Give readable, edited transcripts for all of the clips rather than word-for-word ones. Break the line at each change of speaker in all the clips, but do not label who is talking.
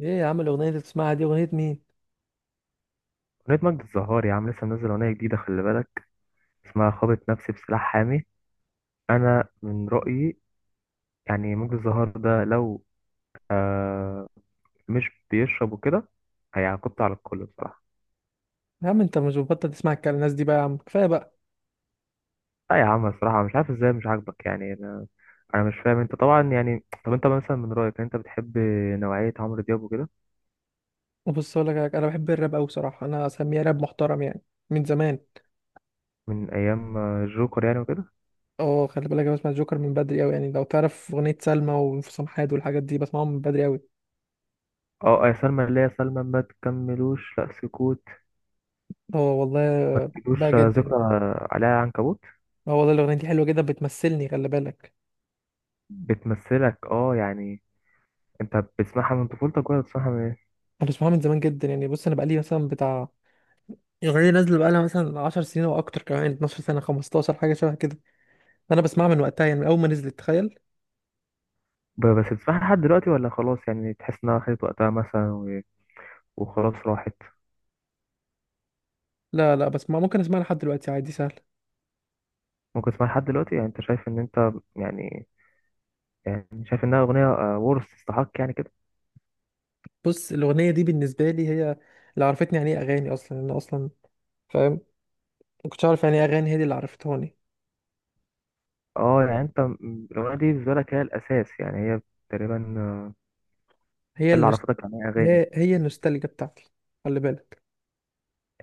ايه يا عم؟ الاغنيه اللي بتسمعها دي اغنيه مين؟
أغنية مجد الزهار يا عم، لسه منزل أغنية جديدة، خلي بالك. اسمها خابط نفسي بسلاح حامي. أنا من رأيي يعني مجد الزهار ده لو آه مش بيشرب وكده، هيعاقبته على الكل بصراحة.
يا عم انت مش بتبطل تسمع الكلام الناس دي بقى يا عم، كفايه بقى.
لا يا عم، بصراحة مش عارف ازاي مش عاجبك يعني. أنا مش فاهم. أنت طبعا يعني، طب أنت مثلا من رأيك أنت بتحب نوعية عمرو دياب وكده.
وبص اقول لك حاجة، انا بحب الراب قوي بصراحه، انا اسميها راب محترم يعني، من زمان.
من أيام الجوكر يعني وكده.
اه خلي بالك، انا بسمع جوكر من بدري قوي يعني، لو تعرف اغنيه سلمى وانفصام حاد والحاجات دي بسمعهم من بدري قوي.
اه، آه، يا سلمى اللي هي سلمى ما تكملوش لا سكوت.
اه والله.
ما
بقى
تجيبوش
جدا
ذكرى
يعني.
عليها عنكبوت.
اه والله، الاغنيه دي حلوه جدا بتمثلني، خلي بالك.
بتمثلك اه يعني. انت بتسمعها من طفولتك ولا بتسمعها من ايه؟
انا بسمعها من زمان جدا يعني. بص، انا بقالي مثلا بتاع، الاغنيه دي نازله بقالها مثلا 10 سنين او اكتر، كمان 12 سنه، 15 حاجه شبه كده. انا بسمعها من وقتها يعني، من اول ما نزلت تخيل.
بس بتسمعها لحد دلوقتي ولا خلاص، يعني تحس انها خدت وقتها مثلا وخلاص راحت؟
لا لا، بسمع، ممكن اسمعها لحد دلوقتي عادي سهل.
ممكن تسمعها لحد دلوقتي، يعني انت شايف ان انت يعني شايف انها اغنيه؟ ورث تستحق يعني كده.
بص، الاغنيه دي بالنسبه لي هي اللي عرفتني يعني ايه اغاني اصلا، انا اصلا فاهم. ما كنتش عارف يعني ايه اغاني، هي دي اللي عرفتهاني.
اه يعني انت الاغنيه دي بالنسبه لك هي الاساس، يعني هي تقريبا. هي
هي
اللي
النوست...
عرفتك عن ايه اغاني.
هي النوستالجيا بتاعتي، خلي بالك.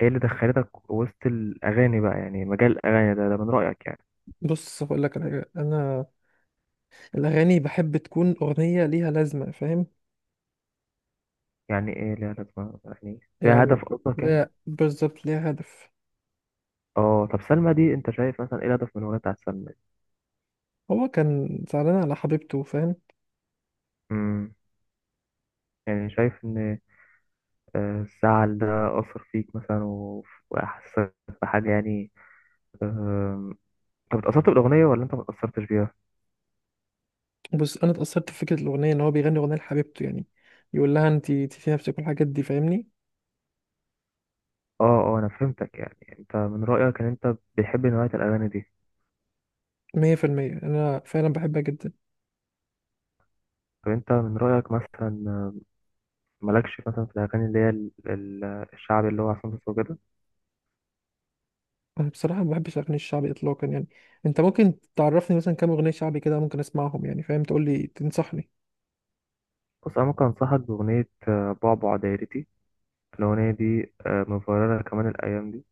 هي اللي دخلتك وسط الاغاني بقى، يعني مجال الاغاني ده من رايك يعني؟
بص هقول لك على حاجه، انا الاغاني بحب تكون اغنيه ليها لازمه، فاهم؟
يعني ايه ليها لازمه، يعني ليها
يعني،
هدف قصدك يعني؟
لا بالظبط، ليها هدف.
اه، طب سلمى دي انت شايف مثلا ايه الهدف من الاغنيه بتاعت سلمى
هو كان زعلان على حبيبته، فاهم؟
دي؟ يعني شايف إن الزعل ده أثر فيك مثلا وأحسسك بحاجة يعني آم، أنت اتأثرت بالأغنية ولا أنت متأثرتش بيها؟
بس انا اتاثرت بفكره الاغنيه، ان هو بيغني اغنيه لحبيبته يعني، يقول لها انت في نفسك والحاجات دي فاهمني.
أه. أه، أنا فهمتك، يعني أنت من رأيك إن أنت بتحب نوعية الأغاني دي؟
100% انا فعلا بحبها جدا.
طب أنت من رأيك مثلا مالكش مثلا في الأغاني اللي هي الشعبي اللي هو عصام صاصا وكده؟
انا بصراحه ما بحبش الاغاني الشعبي اطلاقا يعني. انت ممكن تعرفني مثلا كام اغنيه شعبي كده ممكن اسمعهم؟ يعني فاهم، تقول لي، تنصحني.
بص، أنا ممكن أنصحك بأغنية بعبع دايرتي. الأغنية دي مفررة كمان الأيام دي،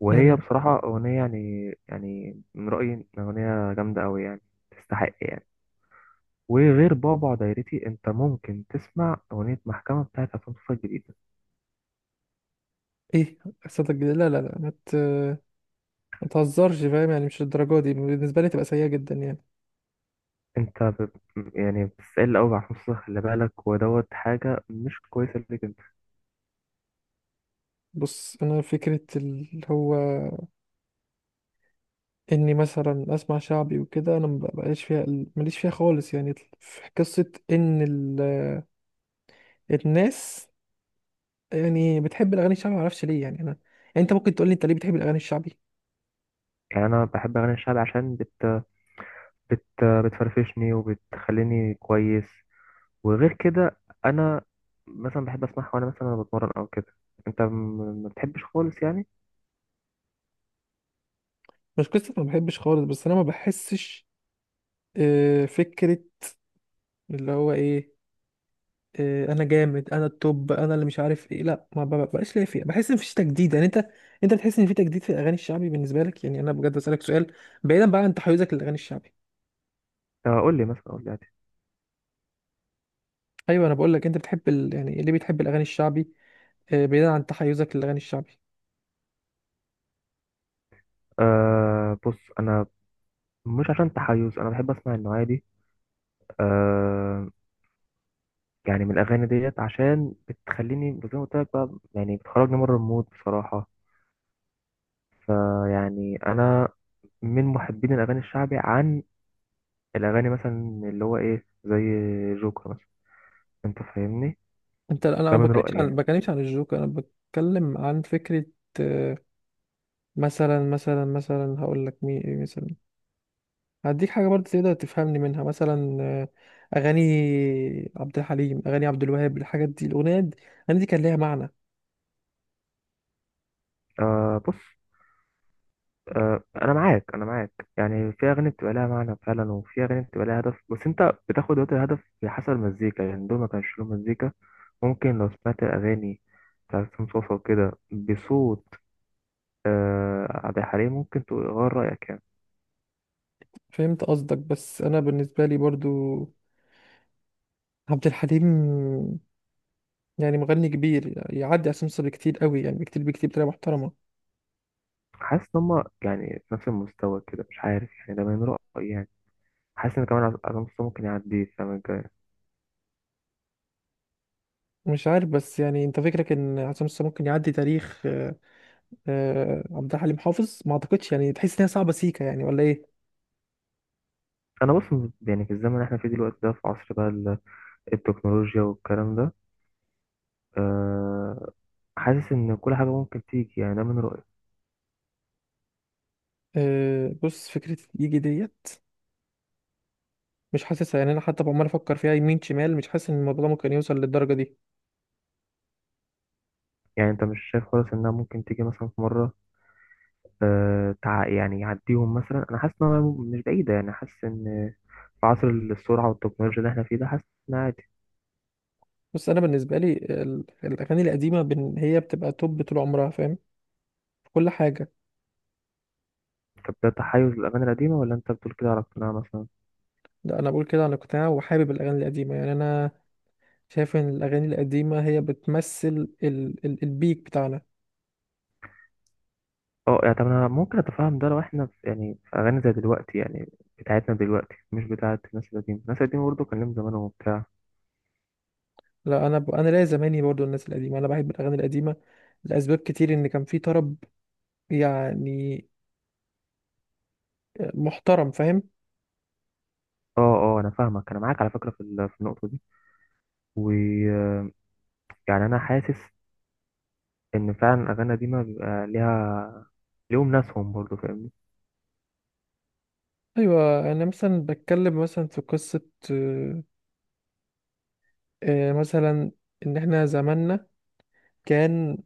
وهي
امم.
بصراحة أغنية، يعني من رأيي إن أغنية جامدة أوي يعني. تستحق يعني. وغير بابا دايرتي، انت ممكن تسمع اغنيه محكمه بتاعت عصام صوصه الجديده.
ايه قصتك الجديده؟ لا لا لا، ما تهزرش، فاهم يعني؟ مش الدرجه دي، بالنسبه لي تبقى سيئه جدا يعني.
انت يعني بتسال قوي عصام صوصه، خلي بالك، ودوت حاجه مش كويسه ليك انت.
بص، انا فكره اللي هو اني مثلا اسمع شعبي وكده، انا ما بقاش فيها، ماليش فيها خالص يعني. في قصه ان الناس يعني بتحب الاغاني الشعبي، ما اعرفش ليه يعني. انا يعني انت ممكن تقول لي انت ليه بتحب الاغاني الشعبي؟
يعني انا بحب اغاني الشعب عشان بت... بتفرفشني وبتخليني كويس. وغير كده، انا مثلا بحب اسمعها وانا مثلا أنا بتمرن او كده. انت ما بتحبش خالص يعني؟
مش قصه ما بحبش خالص، بس انا ما بحسش فكرة اللي هو ايه. انا جامد، انا التوب، انا اللي مش عارف ايه، لا ما ب- بقاش ليا فيها، بحس ان مفيش تجديد يعني. انت بتحس ان في تجديد في الاغاني الشعبي بالنسبة لك يعني؟ انا بجد بسألك سؤال، بعيدا بقى عن تحيزك للاغاني الشعبي.
قول لي مثلا، قول لي عادي.
ايوه، انا بقول لك، انت بتحب يعني اللي بتحب الاغاني الشعبي، بعيدا عن تحيزك للاغاني الشعبي.
أه، بص، انا مش عشان تحيز انا بحب اسمع النوعيه دي آه، يعني من الأغاني ديت عشان بتخليني زي ما قلت لك بقى، يعني بتخرجني بره المود بصراحة. فيعني أنا من محبين الأغاني الشعبي عن الأغاني مثلا اللي هو إيه زي جوكر مثلا، أنت فاهمني؟
أنا
ده من رأيي
ما
يعني.
بتكلمش عن الجوكر، انا بتكلم عن فكرة. آه، مثلا، هقول لك مين إيه مثلا، هديك حاجة برضه تقدر تفهمني منها مثلا. أغاني عبد الحليم، أغاني عبد الوهاب، الحاجات دي الأغنية دي الأغاني دي كان ليها معنى.
آه، بص، أنا معاك، أنا معاك، يعني في أغاني بتبقى لها معنى فعلا وفي أغاني بتبقى لها هدف، بس أنت بتاخد وقت الهدف حسب المزيكا، يعني دول ما كانش لهم مزيكا. ممكن لو سمعت الأغاني بتاعت حسين صوصة وكده بصوت عبد الحليم ممكن تغير رأيك يعني.
فهمت قصدك، بس أنا بالنسبة لي برضه عبد الحليم يعني مغني كبير، يعدي عصام صاصا بكتير قوي يعني، بكتير بكتير، بطريقة محترمة.
حاسس إن هما يعني في نفس المستوى كده، مش عارف يعني، ده من رأيي يعني. حاسس إن كمان عصام صاصا ممكن يعدي السنة الجاية.
مش عارف، بس يعني أنت فكرك إن عصام صاصا ممكن يعدي تاريخ عبد الحليم حافظ؟ ما أعتقدش يعني، تحس إنها صعبة سيكا يعني ولا إيه؟
أنا بص، يعني في الزمن اللي إحنا فيه دلوقتي ده، في عصر بقى التكنولوجيا والكلام ده. أه، حاسس إن كل حاجة ممكن تيجي، يعني ده من رأيي
بص، فكرة يجي ديت، مش حاسس يعني. انا حتى عمال افكر فيها يمين شمال، مش حاسس ان الموضوع ده ممكن يوصل للدرجه دي.
يعني. أنت مش شايف خالص إنها ممكن تيجي مثلا في مرة؟ أه، يعني يعديهم مثلا، أنا حاسس إنها مش بعيدة، يعني حاسس إن في عصر السرعة والتكنولوجيا اللي إحنا فيه ده، حاسس إنها.
بس انا بالنسبه لي الاغاني القديمه هي بتبقى توب طول عمرها، فاهم؟ في كل حاجه.
طب ده تحيز للأغاني القديمة ولا أنت بتقول كده على اقتناع مثلا؟
ده انا بقول كده عن اقتناع، وحابب الاغاني القديمه يعني. انا شايف ان الاغاني القديمه هي بتمثل ال ال البيك بتاعنا.
اه، يعني طب أنا ممكن أتفهم ده لو إحنا في يعني في أغاني زي دلوقتي يعني، بتاعتنا دلوقتي مش بتاعت الناس القديمة، الناس القديمة برضه كان لهم زمان وبتاع.
لا، انا ليا زماني برضو، الناس القديمه، انا بحب الاغاني القديمه لاسباب كتير، ان كان في طرب يعني محترم، فاهم؟
اه، اه، أنا فاهمك، أنا معاك على فكرة في في النقطة دي، ويعني أنا حاسس إن فعلا الأغاني القديمة بيبقى ليها، ليهم ناسهم برضه، فاهمني؟
ايوه، انا مثلا بتكلم مثلا في قصه، مثلا، ان احنا زماننا كان،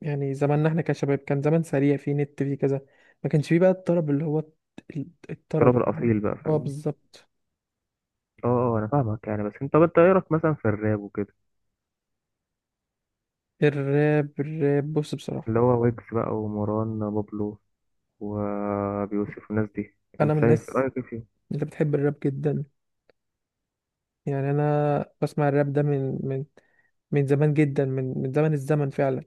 يعني زماننا احنا كشباب كان زمان سريع، فيه نت فيه كذا، ما كانش فيه بقى الطرب اللي هو
التراب
الطرب، فاهم؟
الأصيل بقى،
هو
فاهمني؟
بالظبط.
اه، اه، أنا فاهمك يعني، بس طب أنت إيه رأيك مثلا في الراب وكده؟
الراب، بص بصراحة،
اللي هو ويجز بقى ومروان بابلو وأبي يوسف والناس دي،
انا
أنت
من
شايف
الناس
رأيك إيه فيهم؟
اللي بتحب الراب جدا يعني. انا بسمع الراب ده من زمان جدا، من زمن الزمن فعلا.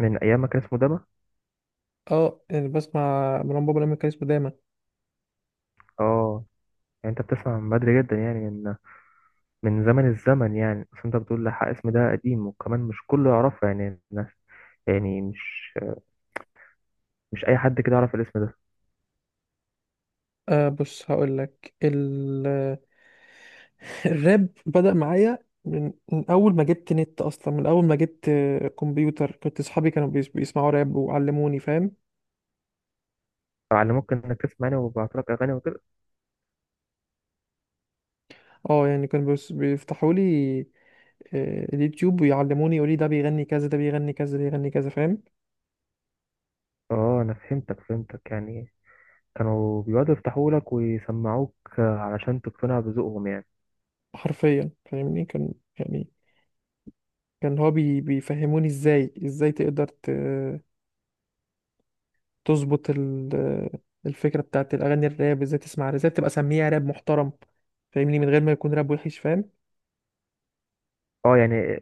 من ايام ما كان اسمه دما.
اه، يعني بسمع مروان بابا لما كان اسمه دايما.
اه يعني انت بتسمع من بدري جدا، يعني من زمن الزمن، يعني اصل انت بتقول لحق اسم ده قديم وكمان مش كله يعرفه يعني الناس، يعني مش اي حد كده يعرف الاسم ده.
بص، هقول لك، الراب بدأ معايا من أول ما جبت نت أصلا، من أول ما جبت كمبيوتر. كنت صحابي كانوا بيسمعوا راب وعلموني، فاهم؟
على ممكن انك تسمع يعني، وببعت لك اغاني وكده.
اه، يعني كانوا بيفتحوا لي اليوتيوب ويعلموني، يقولي ده بيغني كذا، ده بيغني كذا، ده بيغني كذا، فاهم؟
اه، انا فهمتك، فهمتك يعني. كانوا بيقعدوا يفتحوا لك ويسمعوك علشان تقتنع بذوقهم يعني.
حرفيا، فاهمني؟ كان يعني، كان هو بيفهموني ازاي، تقدر تظبط الفكرة بتاعت الأغاني الراب، ازاي تسمع، ازاي تبقى سميها راب محترم فاهمني؟ من غير ما يكون راب وحش، فاهم؟
اه يعني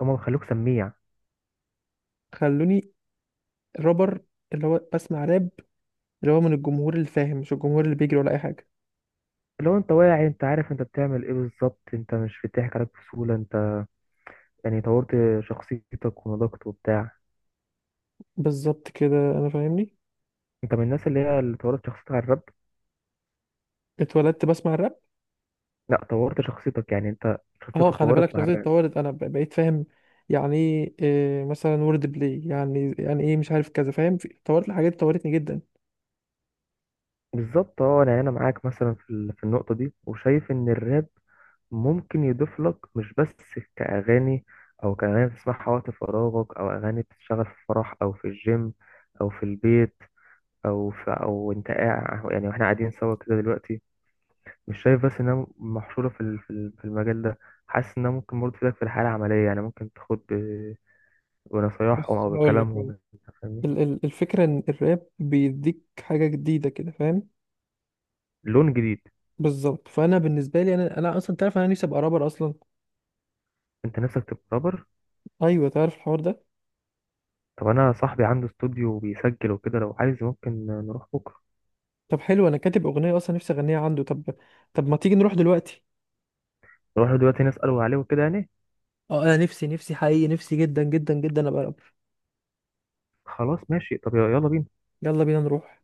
هما بيخلوك سميع.
خلوني الرابر، اللي هو بسمع راب، اللي هو من الجمهور اللي فاهم، مش الجمهور اللي بيجري ولا اي حاجه.
لو انت واعي، انت عارف انت بتعمل ايه بالظبط، انت مش بيضحك عليك بسهولة، انت يعني طورت شخصيتك ونضجت وبتاع.
بالظبط كده، انا فاهمني.
انت من الناس اللي هي اللي طورت شخصيتك على الراب.
اتولدت بسمع الراب.
لا، طورت شخصيتك، يعني انت
اه
شخصيتك
خلي بالك،
اتطورت مع
شخصيتي
الراب.
اتطورت، انا بقيت فاهم يعني ايه، مثلا وورد بلاي، يعني ايه، مش عارف كذا، فاهم؟ اتطورت الحاجات، اتطورتني جدا.
بالظبط، اه يعني انا معاك مثلا في في النقطه دي، وشايف ان الراب ممكن يضيف لك، مش بس كأغاني، أو كأغاني تسمعها وقت فراغك، أو أغاني بتشتغل في فرح أو في الجيم أو في البيت أو في أو أنت قاعد، يعني وإحنا قاعدين سوا كده دلوقتي. مش شايف بس إنها محشورة في في المجال ده. حاسس إنها ممكن برضه تفيدك في الحياة العملية، يعني ممكن تاخد ونصايحهم
بص
او
هقول لك
بكلامهم،
والله.
انت فاهمني؟
الفكره ان الراب بيديك حاجه جديده كده، فاهم؟
لون جديد.
بالظبط، فانا بالنسبه لي، انا اصلا تعرف انا نفسي ابقى رابر اصلا.
انت نفسك تبقى رابر؟
ايوه، تعرف الحوار ده؟
طب انا صاحبي عنده استوديو بيسجل وكده، لو عايز ممكن نروح بكره.
طب حلو، انا كاتب اغنيه اصلا نفسي اغنيها عنده. طب، ما تيجي نروح دلوقتي.
نروح له دلوقتي نساله عليه وكده يعني.
اه، انا نفسي، نفسي حقيقي، نفسي جدا جدا جدا ابقى رابر.
خلاص، ماشي، طب يلا بينا.
يلا بينا نروح.